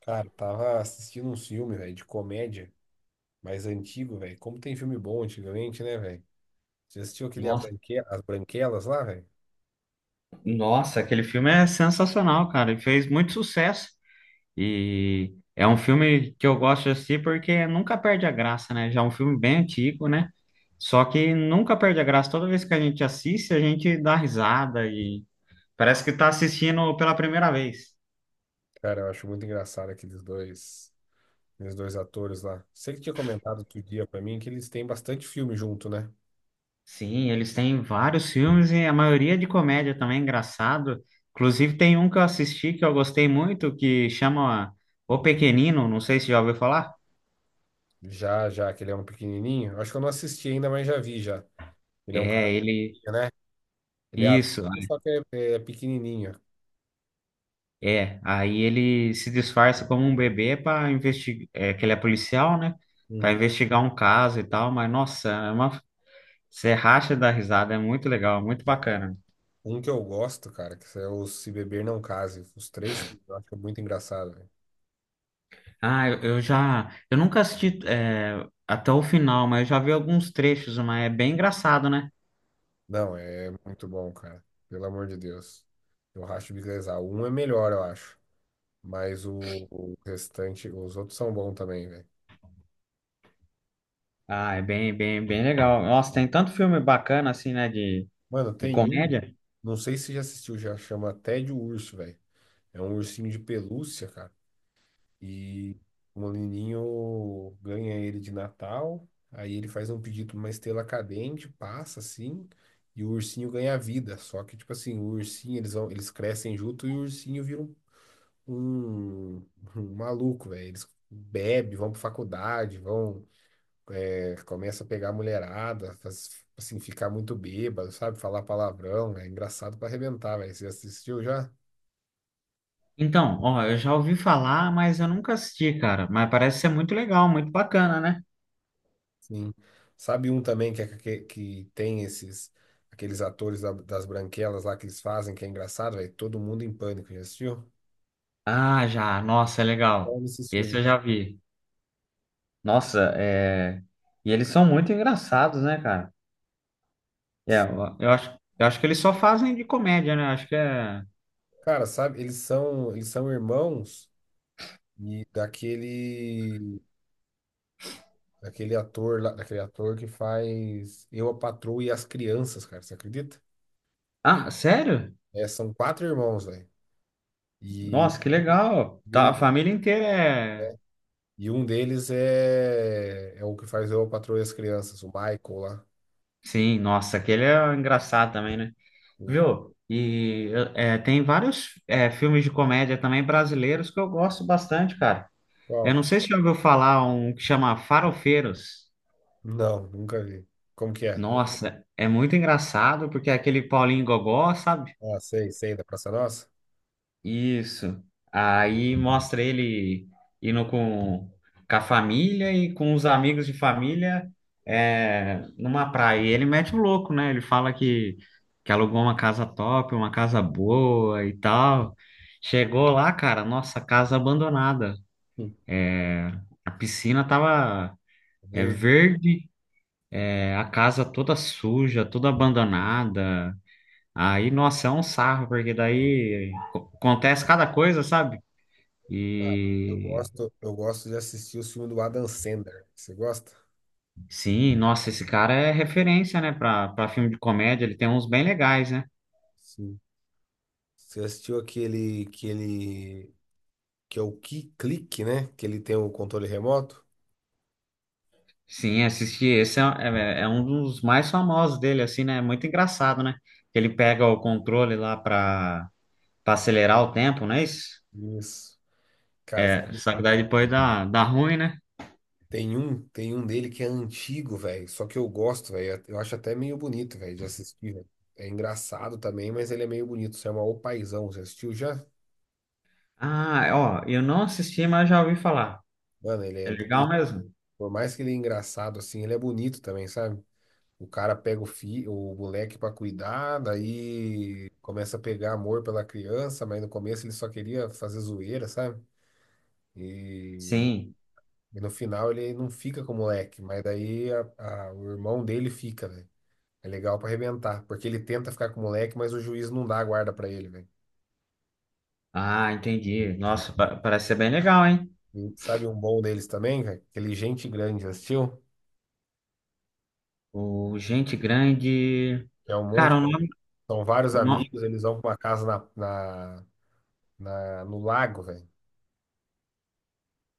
Cara, tava assistindo um filme, velho, de comédia, mais antigo, velho. Como tem filme bom antigamente, né, velho? Você assistiu aquele Nossa, As Branquelas lá, velho? nossa, aquele filme é sensacional, cara. E fez muito sucesso. E é um filme que eu gosto de assistir porque nunca perde a graça, né? Já é um filme bem antigo, né? Só que nunca perde a graça. Toda vez que a gente assiste, a gente dá risada e parece que tá assistindo pela primeira vez. Cara, eu acho muito engraçado aqueles dois atores lá. Você que tinha comentado outro dia pra mim que eles têm bastante filme junto, né? Sim, eles têm vários filmes e a maioria de comédia também, engraçado. Inclusive, tem um que eu assisti que eu gostei muito, que chama O Pequenino, não sei se já ouviu falar. Já, já, que ele é um pequenininho. Acho que eu não assisti ainda, mas já vi já. Ele é um cara, É, ele. né? Ele é Isso. adulto, só que é pequenininho. É, aí ele se disfarça como um bebê para investigar, que ele é policial, né? Para Hum. investigar um caso e tal, mas nossa, é uma você racha da risada, é muito legal, é muito bacana. Um que eu gosto, cara, que é o Se Beber Não Case. Os três filmes, eu acho que é muito engraçado, velho. Ah, eu já, eu nunca assisti até o final, mas eu já vi alguns trechos, mas é bem engraçado, né? Não, é muito bom, cara. Pelo amor de Deus. Eu racho o bico da Exal. Um é melhor, eu acho. Mas o restante, os outros são bons também, velho. Ah, é bem, bem, bem legal. Nossa, tem tanto filme bacana assim, né, Mano, de tem um, comédia. não sei se já assistiu, já chama Tédio Urso, velho. É um ursinho de pelúcia, cara. E o menininho ganha ele de Natal. Aí ele faz um pedido pra uma estrela cadente, passa assim, e o ursinho ganha vida. Só que, tipo assim, o ursinho, eles vão, eles crescem junto e o ursinho vira um, um maluco, velho. Eles bebem, vão pra faculdade, vão, é, começa a pegar a mulherada, assim, ficar muito bêbado, sabe? Falar palavrão, é engraçado pra arrebentar, velho. Você assistiu já? Então, ó, eu já ouvi falar, mas eu nunca assisti, cara. Mas parece ser muito legal, muito bacana, né? Sim. Sabe um também que, que tem esses, aqueles atores das branquelas lá que eles fazem, que é engraçado, velho? Todo mundo em pânico, já assistiu? Ah, já. Nossa, é Qual legal. desses Esse filmes, eu cara? já vi. Nossa, é... E eles são muito engraçados, né, cara? É, eu acho, eu acho que eles só fazem de comédia, né? Eu acho que é... Cara, sabe, eles são irmãos e daquele daquele ator lá, daquele ator que faz Eu, a Patroa e as Crianças, cara, você acredita? Ah, sério? É, são quatro irmãos, velho. E, Nossa, que legal. e Tá, a um família inteira é... e um deles é o que faz Eu, a Patroa e as Crianças, o Michael lá. Sim, nossa, aquele é engraçado também, né? O- Viu? E é, tem vários filmes de comédia também brasileiros que eu gosto bastante, cara. Eu Qual? não sei se você já ouviu falar um que chama Farofeiros. Não, nunca vi. Como que é? Nossa, é muito engraçado porque é aquele Paulinho Gogó, sabe? Ah, sei, sei, da Praça Nossa? Isso. Aí mostra ele indo com a família e com os amigos de família numa praia. E ele mete o louco, né? Ele fala que alugou uma casa top, uma casa boa e tal. Chegou lá, cara, nossa, casa abandonada. Hum. A piscina tava Verde. verde, a casa toda suja, toda abandonada. Aí, nossa, é um sarro, porque daí acontece cada coisa, sabe? Cara, eu E gosto, eu gosto de assistir o filme do Adam Sandler. Você gosta? sim, nossa, esse cara é referência, né, pra, pra filme de comédia, ele tem uns bem legais, né? Sim. Você assistiu aquele que é o Key Click, né? Que ele tem o controle remoto. Sim, assisti, esse é, é um dos mais famosos dele, assim, né? É muito engraçado, né? Que ele pega o controle lá pra, pra acelerar o tempo, não é isso? Isso. Cara, É, sabe? só que daí depois dá, dá ruim, né? Tem um dele que é antigo, velho. Só que eu gosto, velho. Eu acho até meio bonito, velho, de assistir, velho. É engraçado também, mas ele é meio bonito. Você é uma O Paizão. Você assistiu já? Ah, ó, eu não assisti, mas já ouvi falar. Mano, ele É é legal bonito. mesmo? Por mais que ele é engraçado, assim, ele é bonito também, sabe? O cara pega o fi, o moleque pra cuidar, daí começa a pegar amor pela criança, mas no começo ele só queria fazer zoeira, sabe? E Sim. E no final ele não fica com o moleque, mas o irmão dele fica, velho. É legal pra arrebentar, porque ele tenta ficar com o moleque, mas o juiz não dá a guarda pra ele, velho. Ah, entendi. Nossa, parece ser bem legal, hein? E sabe um bom deles também, velho? Aquele Gente Grande, já assistiu? O Gente Grande. Que é um monte, Cara, o né? nome. São vários O no... amigos, eles vão pra uma casa no lago, velho.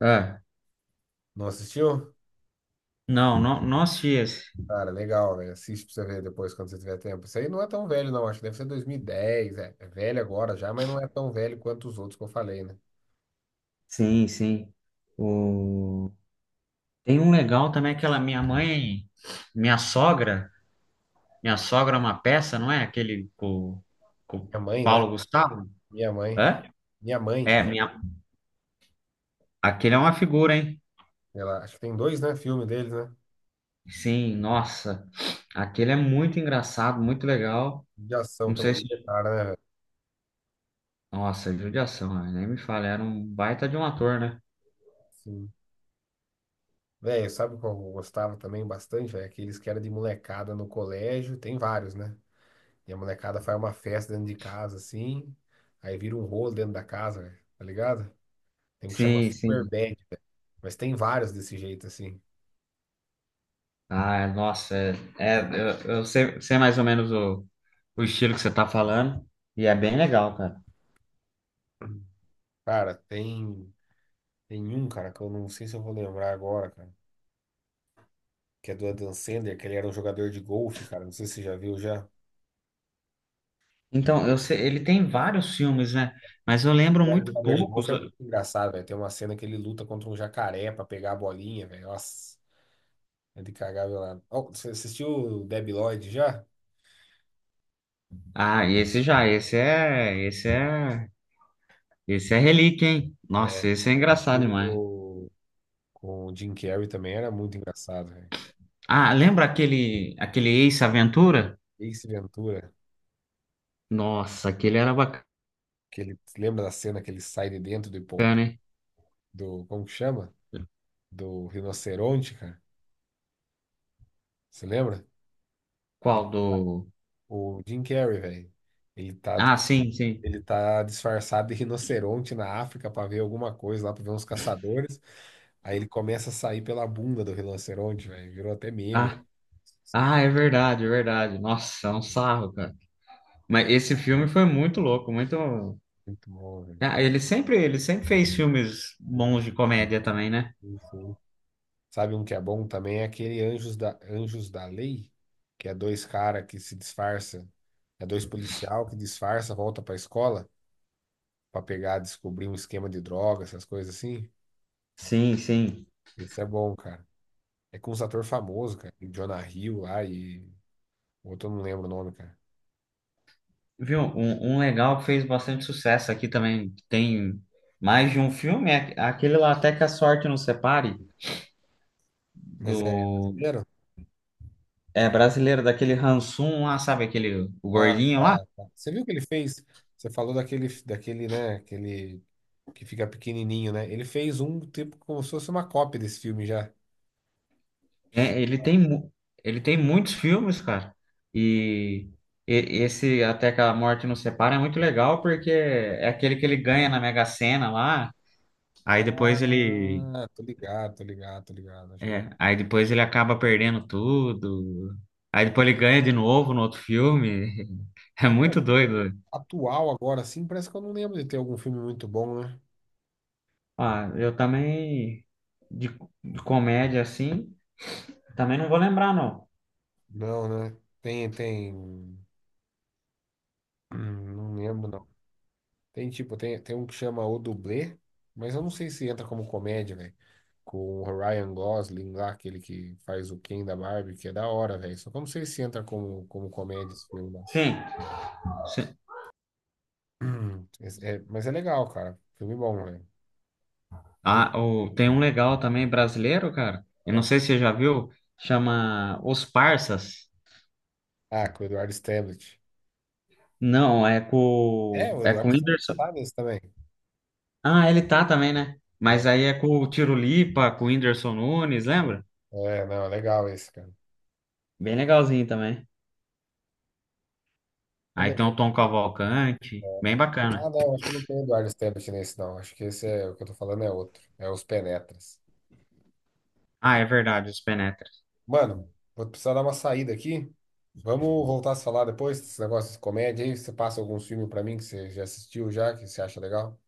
Ah, Não assistiu? não, no... Nossos Dias. Cara, legal, velho. Assiste pra você ver depois quando você tiver tempo. Isso aí não é tão velho, não. Acho que deve ser 2010, é. É velho agora já, mas não é tão velho quanto os outros que eu falei, né? Sim, sim. O... Tem um legal também, aquela minha mãe, minha sogra. Minha sogra é uma peça, não é? Aquele com o Minha mãe, né? Paulo Gustavo? Minha mãe. É. Minha mãe. É, minha... aquele é uma figura, hein? Ela, acho que tem dois, né? Filme deles, né? Sim, nossa. Aquele é muito engraçado, muito legal. De ação Não sei se. também. Cara, né, velho? Nossa, é judiação, né? Nem me fala. Era um baita de um ator, né? Sim. Velho, sabe qual eu gostava também bastante, velho? Aqueles que era de molecada no colégio. Tem vários, né? E a molecada faz uma festa dentro de casa, assim. Aí vira um rolo dentro da casa, velho. Tá ligado? Tem um que chama Sim, Super sim. Bad, velho. Mas tem vários desse jeito, assim. Ah, nossa, é, é, eu sei, sei mais ou menos o estilo que você tá falando, e é bem legal, cara. Cara, cara, que eu não sei se eu vou lembrar agora, cara. Que é do Adam Sandler, que ele era um jogador de golfe, cara. Não sei se você já viu já. Então, eu sei, ele tem vários filmes, né? Mas eu lembro Ele era muito jogador de poucos. golfe, é muito engraçado, velho. Tem uma cena que ele luta contra um jacaré pra pegar a bolinha, velho. Nossa, é de cagar velado. Ó, você assistiu o Debi Lloyd já? Ah, esse já, esse é, esse é, esse é relíquia, hein? Nossa, É. esse é O engraçado filme demais. do... com o Jim Carrey também era muito engraçado, velho. Ah, lembra aquele, aquele Ace Aventura? Ace Ventura, Nossa, aquele era bacana, que ele... Lembra da cena que ele sai de dentro do... hein? Como que chama? Do rinoceronte, cara. Você lembra? Ele- Qual do... O Jim Carrey, velho. Ele tá Ah, sim, sim. Ele tá disfarçado de rinoceronte na África para ver alguma coisa lá, para ver uns caçadores. Aí ele começa a sair pela bunda do rinoceronte, velho. Virou até meme. Ah, Essa ah, parte é é verdade, é verdade. Nossa, é um sarro, cara. Mas esse filme foi muito louco, muito. muito bom, velho. Ah, ele sempre fez filmes Sim, bons de comédia também, né? sim. Sabe um que é bom também? É aquele Anjos da Lei, que é dois caras que se disfarça. É dois policial que disfarça, volta pra escola pra pegar, descobrir um esquema de droga, essas coisas assim. Sim, sim. Esse é bom, cara. É com um ator famoso, cara. Jonah Hill lá e. O outro eu não lembro o nome, cara. Viu? Um legal que fez bastante sucesso aqui também. Que tem mais de um filme, é aquele lá Até que a Sorte Nos Separe, Mas é do. brasileiro? É brasileiro, daquele Hansum lá, sabe? Aquele o Ah, gordinho lá. tá, tá. Você viu o que ele fez? Você falou né? Aquele que fica pequenininho, né? Ele fez um tipo como se fosse uma cópia desse filme já. É, ele tem, ele tem muitos filmes, cara. E. Esse Até que a Morte Nos Separe é muito legal porque é aquele que ele ganha na Mega Sena lá. Aí depois ele, Ah, tô ligado. Acho que já... é, aí depois ele acaba perdendo tudo. Aí depois ele ganha de novo no outro filme. É muito Mano, doido. atual agora, assim, parece que eu não lembro de ter algum filme muito bom, né? Ah, eu também de, de comédia assim, também não vou lembrar não. Não, né? Tem, tem. Não lembro, não. Tem tipo, tem um que chama O Dublê, mas eu não sei se entra como comédia, velho. Com o Ryan Gosling lá, aquele que faz o Ken da Barbie, que é da hora, velho. Só que eu não sei se entra como comédia esse filme lá. Sim. se- mas é legal, cara. Filme bom, velho. Viu? Ah, o, tem um legal também brasileiro, cara. Eu não É. sei se você já viu, chama Os Parsas. Ah, com o Eduardo Stanley. Não, É, o é com Eduardo o Stanley Whindersson. sabe esse também. Ah, ele tá também, né? Mas É, aí é com o Tiro Lipa, com o Whindersson Nunes, lembra? é, não, é legal esse, cara. Bem legalzinho também. Aí Também. tem o Tom Cavalcante, É. bem Ah, bacana. não, acho que não tem o Eduardo Stanley nesse, não. Acho que esse é o que eu tô falando é outro. É Os Penetras. Ah, é verdade, os Penetras. Mano, vou precisar dar uma saída aqui. Vamos voltar a se falar depois desse negócio de comédia aí. Você passa alguns filmes pra mim que você já assistiu já, que você acha legal?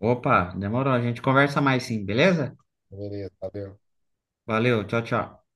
Opa, demorou. A gente conversa mais sim, beleza? Beleza, valeu. Valeu, tchau, tchau.